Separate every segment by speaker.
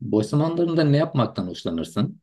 Speaker 1: Boş zamanlarında ne yapmaktan hoşlanırsın?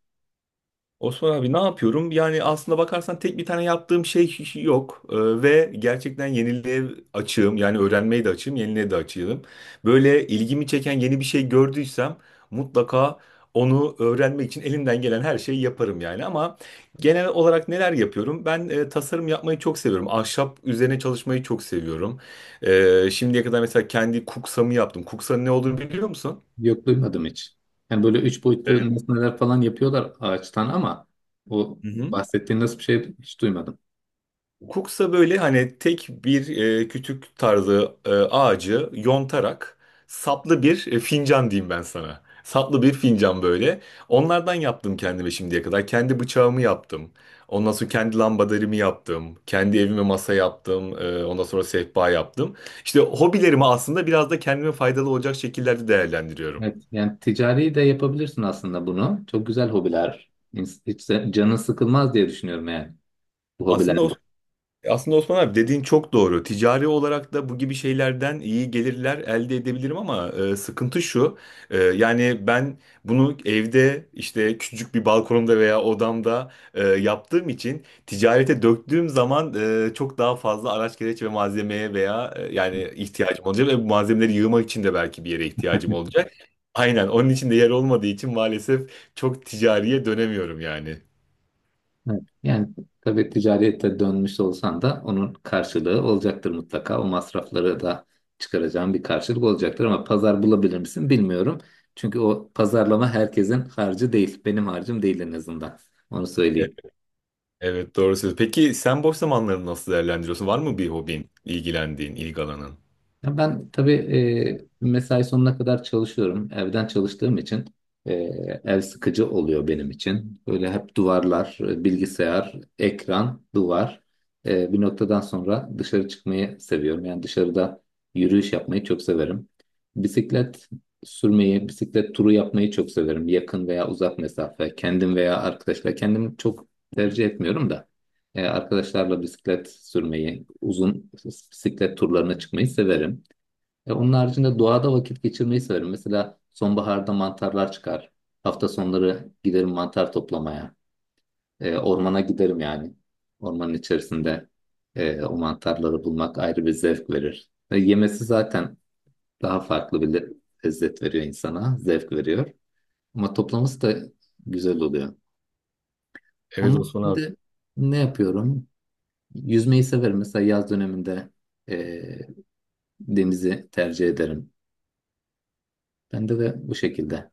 Speaker 2: Osman abi ne yapıyorum? Yani aslında bakarsan tek bir tane yaptığım şey yok ve gerçekten yeniliğe açığım. Yani öğrenmeye de açığım, yeniliğe de açığım. Böyle ilgimi çeken yeni bir şey gördüysem mutlaka onu öğrenmek için elimden gelen her şeyi yaparım yani. Ama genel olarak neler yapıyorum? Ben tasarım yapmayı çok seviyorum. Ahşap üzerine çalışmayı çok seviyorum. Şimdiye kadar mesela kendi kuksamı yaptım. Kuksanın ne olduğunu biliyor musun?
Speaker 1: Yok, duymadım hiç. Yani böyle üç boyutlu nesneler falan yapıyorlar ağaçtan ama o
Speaker 2: Hı hı.
Speaker 1: bahsettiğin nasıl bir şey hiç duymadım.
Speaker 2: Hukuksa böyle hani tek bir kütük tarzı ağacı yontarak saplı bir fincan diyeyim ben sana. Saplı bir fincan böyle. Onlardan yaptım kendime şimdiye kadar. Kendi bıçağımı yaptım. Ondan sonra kendi lambaderimi yaptım. Kendi evime masa yaptım. Ondan sonra sehpa yaptım. İşte hobilerimi aslında biraz da kendime faydalı olacak şekillerde değerlendiriyorum.
Speaker 1: Evet, yani ticari de yapabilirsin aslında bunu. Çok güzel hobiler. Hiç de canın sıkılmaz diye düşünüyorum yani bu
Speaker 2: Aslında o
Speaker 1: hobilerle.
Speaker 2: Aslında Osman abi dediğin çok doğru. Ticari olarak da bu gibi şeylerden iyi gelirler elde edebilirim ama sıkıntı şu. Yani ben bunu evde işte küçücük bir balkonumda veya odamda yaptığım için ticarete döktüğüm zaman çok daha fazla araç gereç ve malzemeye veya yani ihtiyacım olacak ve bu malzemeleri yığmak için de belki bir yere ihtiyacım olacak. Aynen onun için de yer olmadığı için maalesef çok ticariye dönemiyorum yani.
Speaker 1: Evet. Yani tabii ticarete dönmüş olsan da onun karşılığı olacaktır mutlaka. O masrafları da çıkaracağın bir karşılık olacaktır ama pazar bulabilir misin bilmiyorum. Çünkü o pazarlama herkesin harcı değil. Benim harcım değil en azından. Onu
Speaker 2: E,
Speaker 1: söyleyeyim.
Speaker 2: Evet doğru söylüyorsun. Peki sen boş zamanlarını nasıl değerlendiriyorsun? Var mı bir hobin, ilgilendiğin, ilgi alanın?
Speaker 1: Ya ben tabii mesai sonuna kadar çalışıyorum. Evden çalıştığım için e, ev sıkıcı oluyor benim için. Böyle hep duvarlar, bilgisayar, ekran, duvar. Bir noktadan sonra dışarı çıkmayı seviyorum. Yani dışarıda yürüyüş yapmayı çok severim. Bisiklet sürmeyi, bisiklet turu yapmayı çok severim. Yakın veya uzak mesafe, kendim veya arkadaşlar. Kendim çok tercih etmiyorum da. Arkadaşlarla bisiklet sürmeyi, uzun bisiklet turlarına çıkmayı severim. Onun haricinde doğada vakit geçirmeyi severim. Mesela sonbaharda mantarlar çıkar. Hafta sonları giderim mantar toplamaya. Ormana giderim yani. Ormanın içerisinde o mantarları bulmak ayrı bir zevk verir. Yemesi zaten daha farklı bir lezzet veriyor insana, zevk veriyor. Ama toplaması da güzel oluyor. Onun
Speaker 2: Evet Osman abi.
Speaker 1: haricinde ne yapıyorum? Yüzmeyi severim. Mesela yaz döneminde e, denizi tercih ederim. Bende de bu şekilde.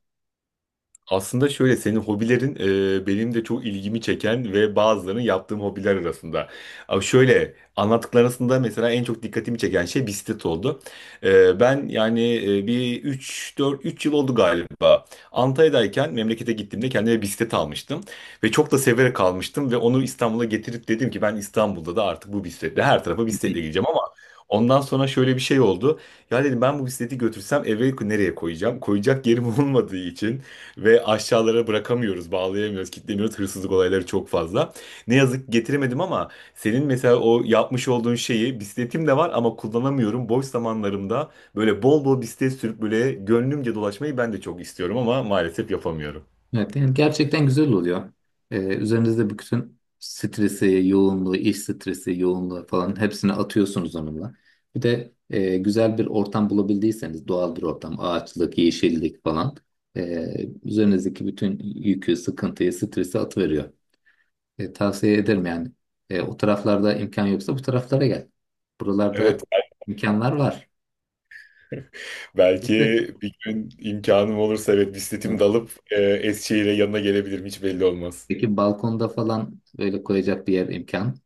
Speaker 2: Aslında şöyle senin hobilerin benim de çok ilgimi çeken ve bazılarının yaptığım hobiler arasında. Ama şöyle anlattıklar arasında mesela en çok dikkatimi çeken şey bisiklet oldu. Ben yani bir üç yıl oldu galiba. Antalya'dayken memlekete gittiğimde kendime bisiklet almıştım ve çok da severek almıştım ve onu İstanbul'a getirip dedim ki ben İstanbul'da da artık bu bisikletle her tarafa bisikletle gideceğim ama ondan sonra şöyle bir şey oldu. Ya dedim ben bu bisikleti götürsem eve nereye koyacağım? Koyacak yerim olmadığı için ve aşağılara bırakamıyoruz, bağlayamıyoruz, kilitlemiyoruz. Hırsızlık olayları çok fazla. Ne yazık ki getiremedim ama senin mesela o yapmış olduğun şeyi bisikletim de var ama kullanamıyorum. Boş zamanlarımda böyle bol bol bisiklet sürüp böyle gönlümce dolaşmayı ben de çok istiyorum ama maalesef yapamıyorum.
Speaker 1: Evet, yani gerçekten güzel oluyor. Üzerinizde bütün stresi, yoğunluğu, iş stresi, yoğunluğu falan hepsini atıyorsunuz onunla. Bir de güzel bir ortam bulabildiyseniz, doğal bir ortam, ağaçlık, yeşillik falan üzerinizdeki bütün yükü, sıkıntıyı, stresi atıveriyor. Tavsiye ederim yani. O taraflarda imkan yoksa bu taraflara gel.
Speaker 2: Evet,
Speaker 1: Buralarda imkanlar var.
Speaker 2: belki
Speaker 1: Biz
Speaker 2: bir gün imkanım olursa evet bisikletimi de alıp Eskişehir'e yanına gelebilirim hiç belli olmaz.
Speaker 1: Peki balkonda falan böyle koyacak bir yer imkan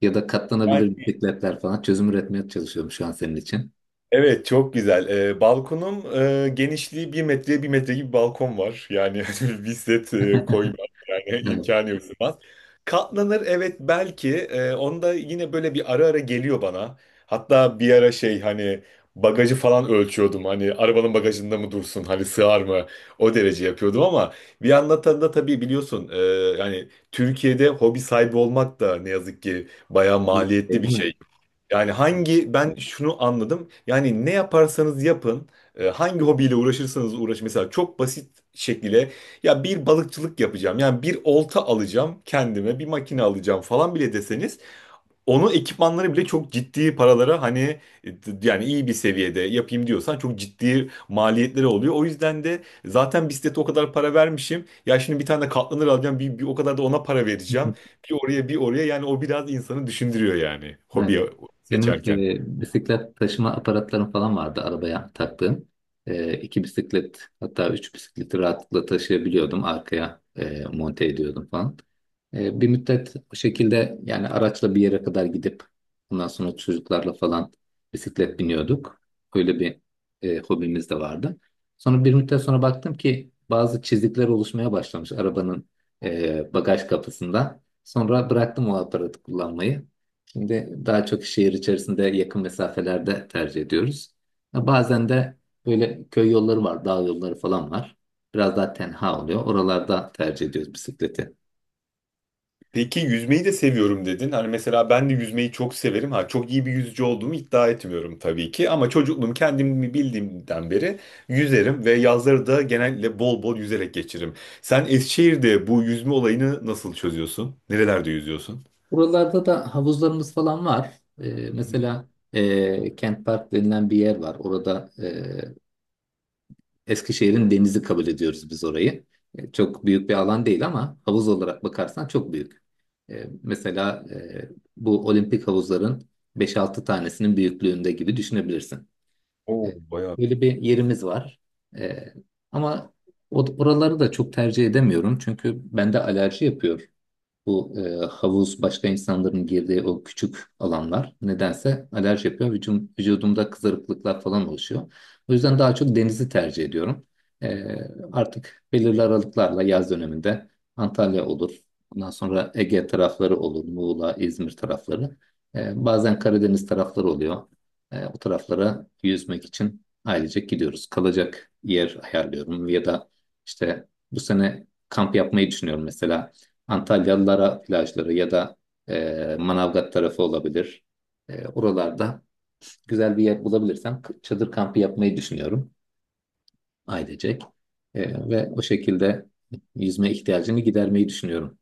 Speaker 1: ya da katlanabilir bisikletler falan çözüm üretmeye çalışıyorum şu an senin için.
Speaker 2: Evet çok güzel. Balkonum genişliği bir metreye bir metre gibi bir balkon var. Yani bir set koyma yani
Speaker 1: Evet.
Speaker 2: imkanı yok sığmaz. Katlanır evet belki. Onda yine böyle bir ara ara geliyor bana. Hatta bir ara şey hani bagajı falan ölçüyordum. Hani arabanın bagajında mı dursun? Hani sığar mı? O derece yapıyordum ama bir yandan da tabii biliyorsun yani Türkiye'de hobi sahibi olmak da ne yazık ki bayağı
Speaker 1: Şey
Speaker 2: maliyetli
Speaker 1: değil
Speaker 2: bir
Speaker 1: mi?
Speaker 2: şey. Yani hangi ben şunu anladım. Yani ne yaparsanız yapın, hangi hobiyle uğraşırsanız uğraşın. Mesela çok basit şekilde ya bir balıkçılık yapacağım. Yani bir olta alacağım kendime, bir makine alacağım falan bile deseniz onun ekipmanları bile çok ciddi paralara hani yani iyi bir seviyede yapayım diyorsan çok ciddi maliyetleri oluyor. O yüzden de zaten bisiklete o kadar para vermişim. Ya şimdi bir tane de katlanır alacağım bir o kadar da ona para vereceğim. Bir oraya bir oraya yani o biraz insanı düşündürüyor yani
Speaker 1: Evet.
Speaker 2: hobi
Speaker 1: Benim
Speaker 2: seçerken.
Speaker 1: bisiklet taşıma aparatlarım falan vardı arabaya taktığım. İki bisiklet hatta üç bisikleti rahatlıkla taşıyabiliyordum. Arkaya monte ediyordum falan. Bir müddet bu şekilde yani araçla bir yere kadar gidip ondan sonra çocuklarla falan bisiklet biniyorduk. Öyle bir hobimiz de vardı. Sonra bir müddet sonra baktım ki bazı çizikler oluşmaya başlamış arabanın bagaj kapısında. Sonra bıraktım o aparatı kullanmayı. Şimdi daha çok şehir içerisinde yakın mesafelerde tercih ediyoruz. Ya, bazen de böyle köy yolları var, dağ yolları falan var. Biraz daha tenha oluyor. Oralarda tercih ediyoruz bisikleti.
Speaker 2: Peki yüzmeyi de seviyorum dedin. Hani mesela ben de yüzmeyi çok severim. Ha çok iyi bir yüzücü olduğumu iddia etmiyorum tabii ki ama çocukluğum kendimi bildiğimden beri yüzerim ve yazları da genellikle bol bol yüzerek geçiririm. Sen Eskişehir'de bu yüzme olayını nasıl çözüyorsun? Nerelerde yüzüyorsun?
Speaker 1: Buralarda da havuzlarımız falan var. Mesela Kent Park denilen bir yer var. Orada Eskişehir'in denizi kabul ediyoruz biz orayı. Çok büyük bir alan değil ama havuz olarak bakarsan çok büyük. Mesela bu olimpik havuzların beş-altı tanesinin büyüklüğünde gibi düşünebilirsin. E,
Speaker 2: Oo, bayağı.
Speaker 1: Böyle bir yerimiz var. E, Ama oraları da çok tercih edemiyorum çünkü bende alerji yapıyor. Bu havuz başka insanların girdiği o küçük alanlar nedense alerji yapıyor. Vücudumda kızarıklıklar falan oluşuyor. O yüzden daha çok denizi tercih ediyorum. E, Artık belirli aralıklarla yaz döneminde Antalya olur. Ondan sonra Ege tarafları olur. Muğla, İzmir tarafları. Bazen Karadeniz tarafları oluyor. O taraflara yüzmek için ailecek gidiyoruz. Kalacak yer ayarlıyorum ya da işte bu sene kamp yapmayı düşünüyorum mesela. Antalyalılara plajları ya da Manavgat tarafı olabilir. Oralarda güzel bir yer bulabilirsem çadır kampı yapmayı düşünüyorum ailecek. Ve o şekilde yüzme ihtiyacını gidermeyi düşünüyorum.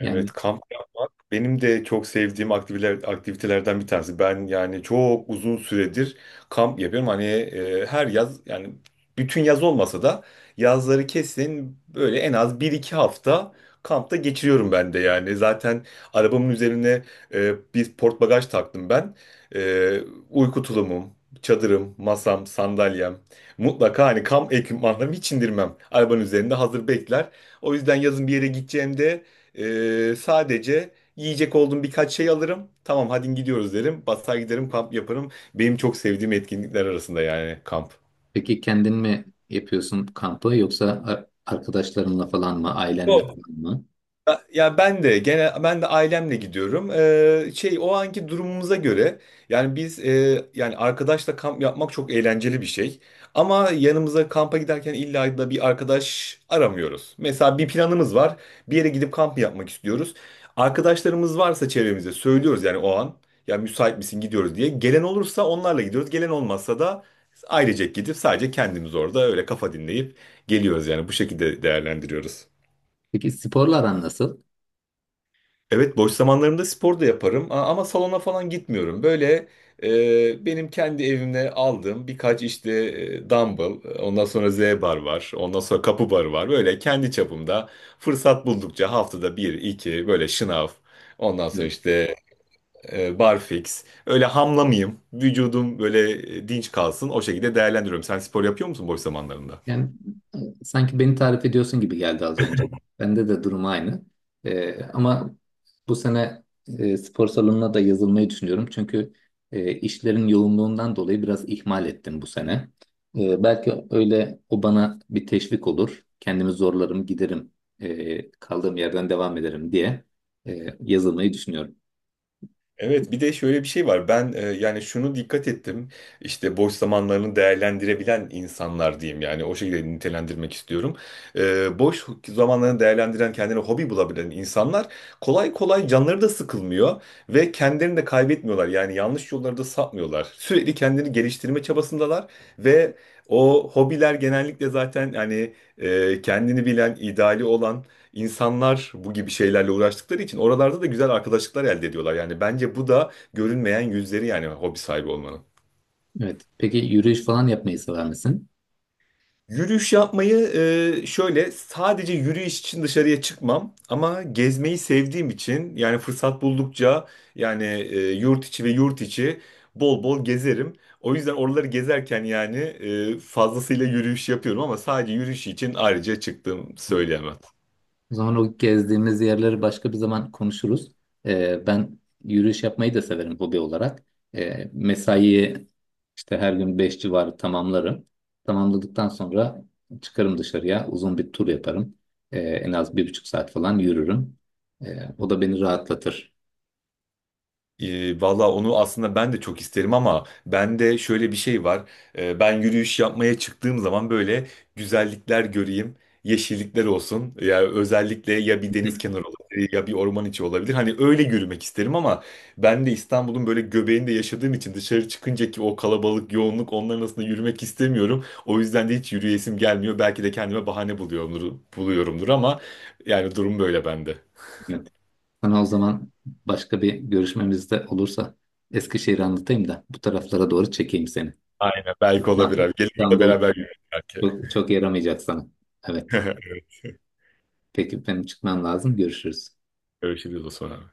Speaker 1: Yani
Speaker 2: Evet, kamp yapmak benim de çok sevdiğim aktiviteler, aktivitelerden bir tanesi. Ben yani çok uzun süredir kamp yapıyorum. Hani her yaz yani bütün yaz olmasa da yazları kesin böyle en az bir iki hafta kampta geçiriyorum ben de yani. Zaten arabamın üzerine bir port bagaj taktım ben. E, Uyku tulumum, çadırım, masam, sandalyem. Mutlaka hani kamp ekipmanlarımı hiç indirmem. Arabanın üzerinde hazır bekler. O yüzden yazın bir yere gideceğimde sadece yiyecek olduğum birkaç şey alırım. Tamam hadi gidiyoruz derim. Basar giderim kamp yaparım. Benim çok sevdiğim etkinlikler arasında yani kamp.
Speaker 1: peki kendin mi yapıyorsun kampı yoksa arkadaşlarınla falan mı, ailenle falan mı?
Speaker 2: Ben de ailemle gidiyorum. Şey o anki durumumuza göre yani biz yani arkadaşla kamp yapmak çok eğlenceli bir şey. Ama yanımıza kampa giderken illa da bir arkadaş aramıyoruz. Mesela bir planımız var. Bir yere gidip kamp yapmak istiyoruz. Arkadaşlarımız varsa çevremizde söylüyoruz yani o an. Ya müsait misin gidiyoruz diye. Gelen olursa onlarla gidiyoruz. Gelen olmazsa da ailecek gidip sadece kendimiz orada öyle kafa dinleyip geliyoruz yani bu şekilde değerlendiriyoruz.
Speaker 1: Peki sporlar aran nasıl?
Speaker 2: Evet boş zamanlarımda spor da yaparım ama salona falan gitmiyorum. Böyle benim kendi evimde aldığım birkaç işte dumbbell, ondan sonra Z bar var, ondan sonra kapı barı var. Böyle kendi çapımda fırsat buldukça haftada bir, iki böyle şınav, ondan sonra
Speaker 1: Evet.
Speaker 2: işte barfix. Öyle hamlamayayım, vücudum böyle dinç kalsın o şekilde değerlendiriyorum. Sen spor yapıyor musun boş zamanlarında?
Speaker 1: Yani e, sanki beni tarif ediyorsun gibi geldi az önce. Bende de durum aynı. Ama bu sene spor salonuna da yazılmayı düşünüyorum. Çünkü işlerin yoğunluğundan dolayı biraz ihmal ettim bu sene. Belki öyle o bana bir teşvik olur. Kendimi zorlarım, giderim, kaldığım yerden devam ederim diye yazılmayı düşünüyorum.
Speaker 2: Evet bir de şöyle bir şey var. Ben yani şunu dikkat ettim. İşte boş zamanlarını değerlendirebilen insanlar diyeyim yani o şekilde nitelendirmek istiyorum. Boş zamanlarını değerlendiren kendine hobi bulabilen insanlar kolay kolay canları da sıkılmıyor ve kendilerini de kaybetmiyorlar. Yani yanlış yollara da sapmıyorlar. Sürekli kendini geliştirme çabasındalar ve o hobiler genellikle zaten hani kendini bilen, ideali olan İnsanlar bu gibi şeylerle uğraştıkları için oralarda da güzel arkadaşlıklar elde ediyorlar. Yani bence bu da görünmeyen yüzleri yani hobi sahibi olmanın.
Speaker 1: Evet. Peki yürüyüş falan yapmayı sever misin?
Speaker 2: Yürüyüş yapmayı şöyle sadece yürüyüş için dışarıya çıkmam ama gezmeyi sevdiğim için yani fırsat buldukça yani yurt içi ve yurt içi bol bol gezerim. O yüzden oraları gezerken yani fazlasıyla yürüyüş yapıyorum ama sadece yürüyüş için ayrıca çıktığım söyleyemem.
Speaker 1: O zaman o gezdiğimiz yerleri başka bir zaman konuşuruz. Ben yürüyüş yapmayı da severim hobi olarak. Mesaiyi işte her gün 5 civarı tamamlarım. Tamamladıktan sonra çıkarım dışarıya, uzun bir tur yaparım. En az 1,5 saat falan yürürüm. O da beni rahatlatır.
Speaker 2: Valla onu aslında ben de çok isterim ama bende şöyle bir şey var. Ben yürüyüş yapmaya çıktığım zaman böyle güzellikler göreyim, yeşillikler olsun. Ya özellikle ya bir deniz kenarı olabilir ya bir orman içi olabilir. Hani öyle yürümek isterim ama ben de İstanbul'un böyle göbeğinde yaşadığım için dışarı çıkınca ki o kalabalık, yoğunluk onların arasında yürümek istemiyorum. O yüzden de hiç yürüyesim gelmiyor. Belki de kendime bahane buluyorumdur ama yani durum böyle bende.
Speaker 1: Evet. Sana o zaman başka bir görüşmemizde olursa Eskişehir'i anlatayım da bu taraflara doğru çekeyim seni.
Speaker 2: Aynen belki olabilir abi. Gelin burada
Speaker 1: İstanbul
Speaker 2: beraber yürüyelim belki.
Speaker 1: çok, çok yaramayacak sana. Evet. Peki benim çıkmam lazım. Görüşürüz.
Speaker 2: Görüşürüz Osman abi.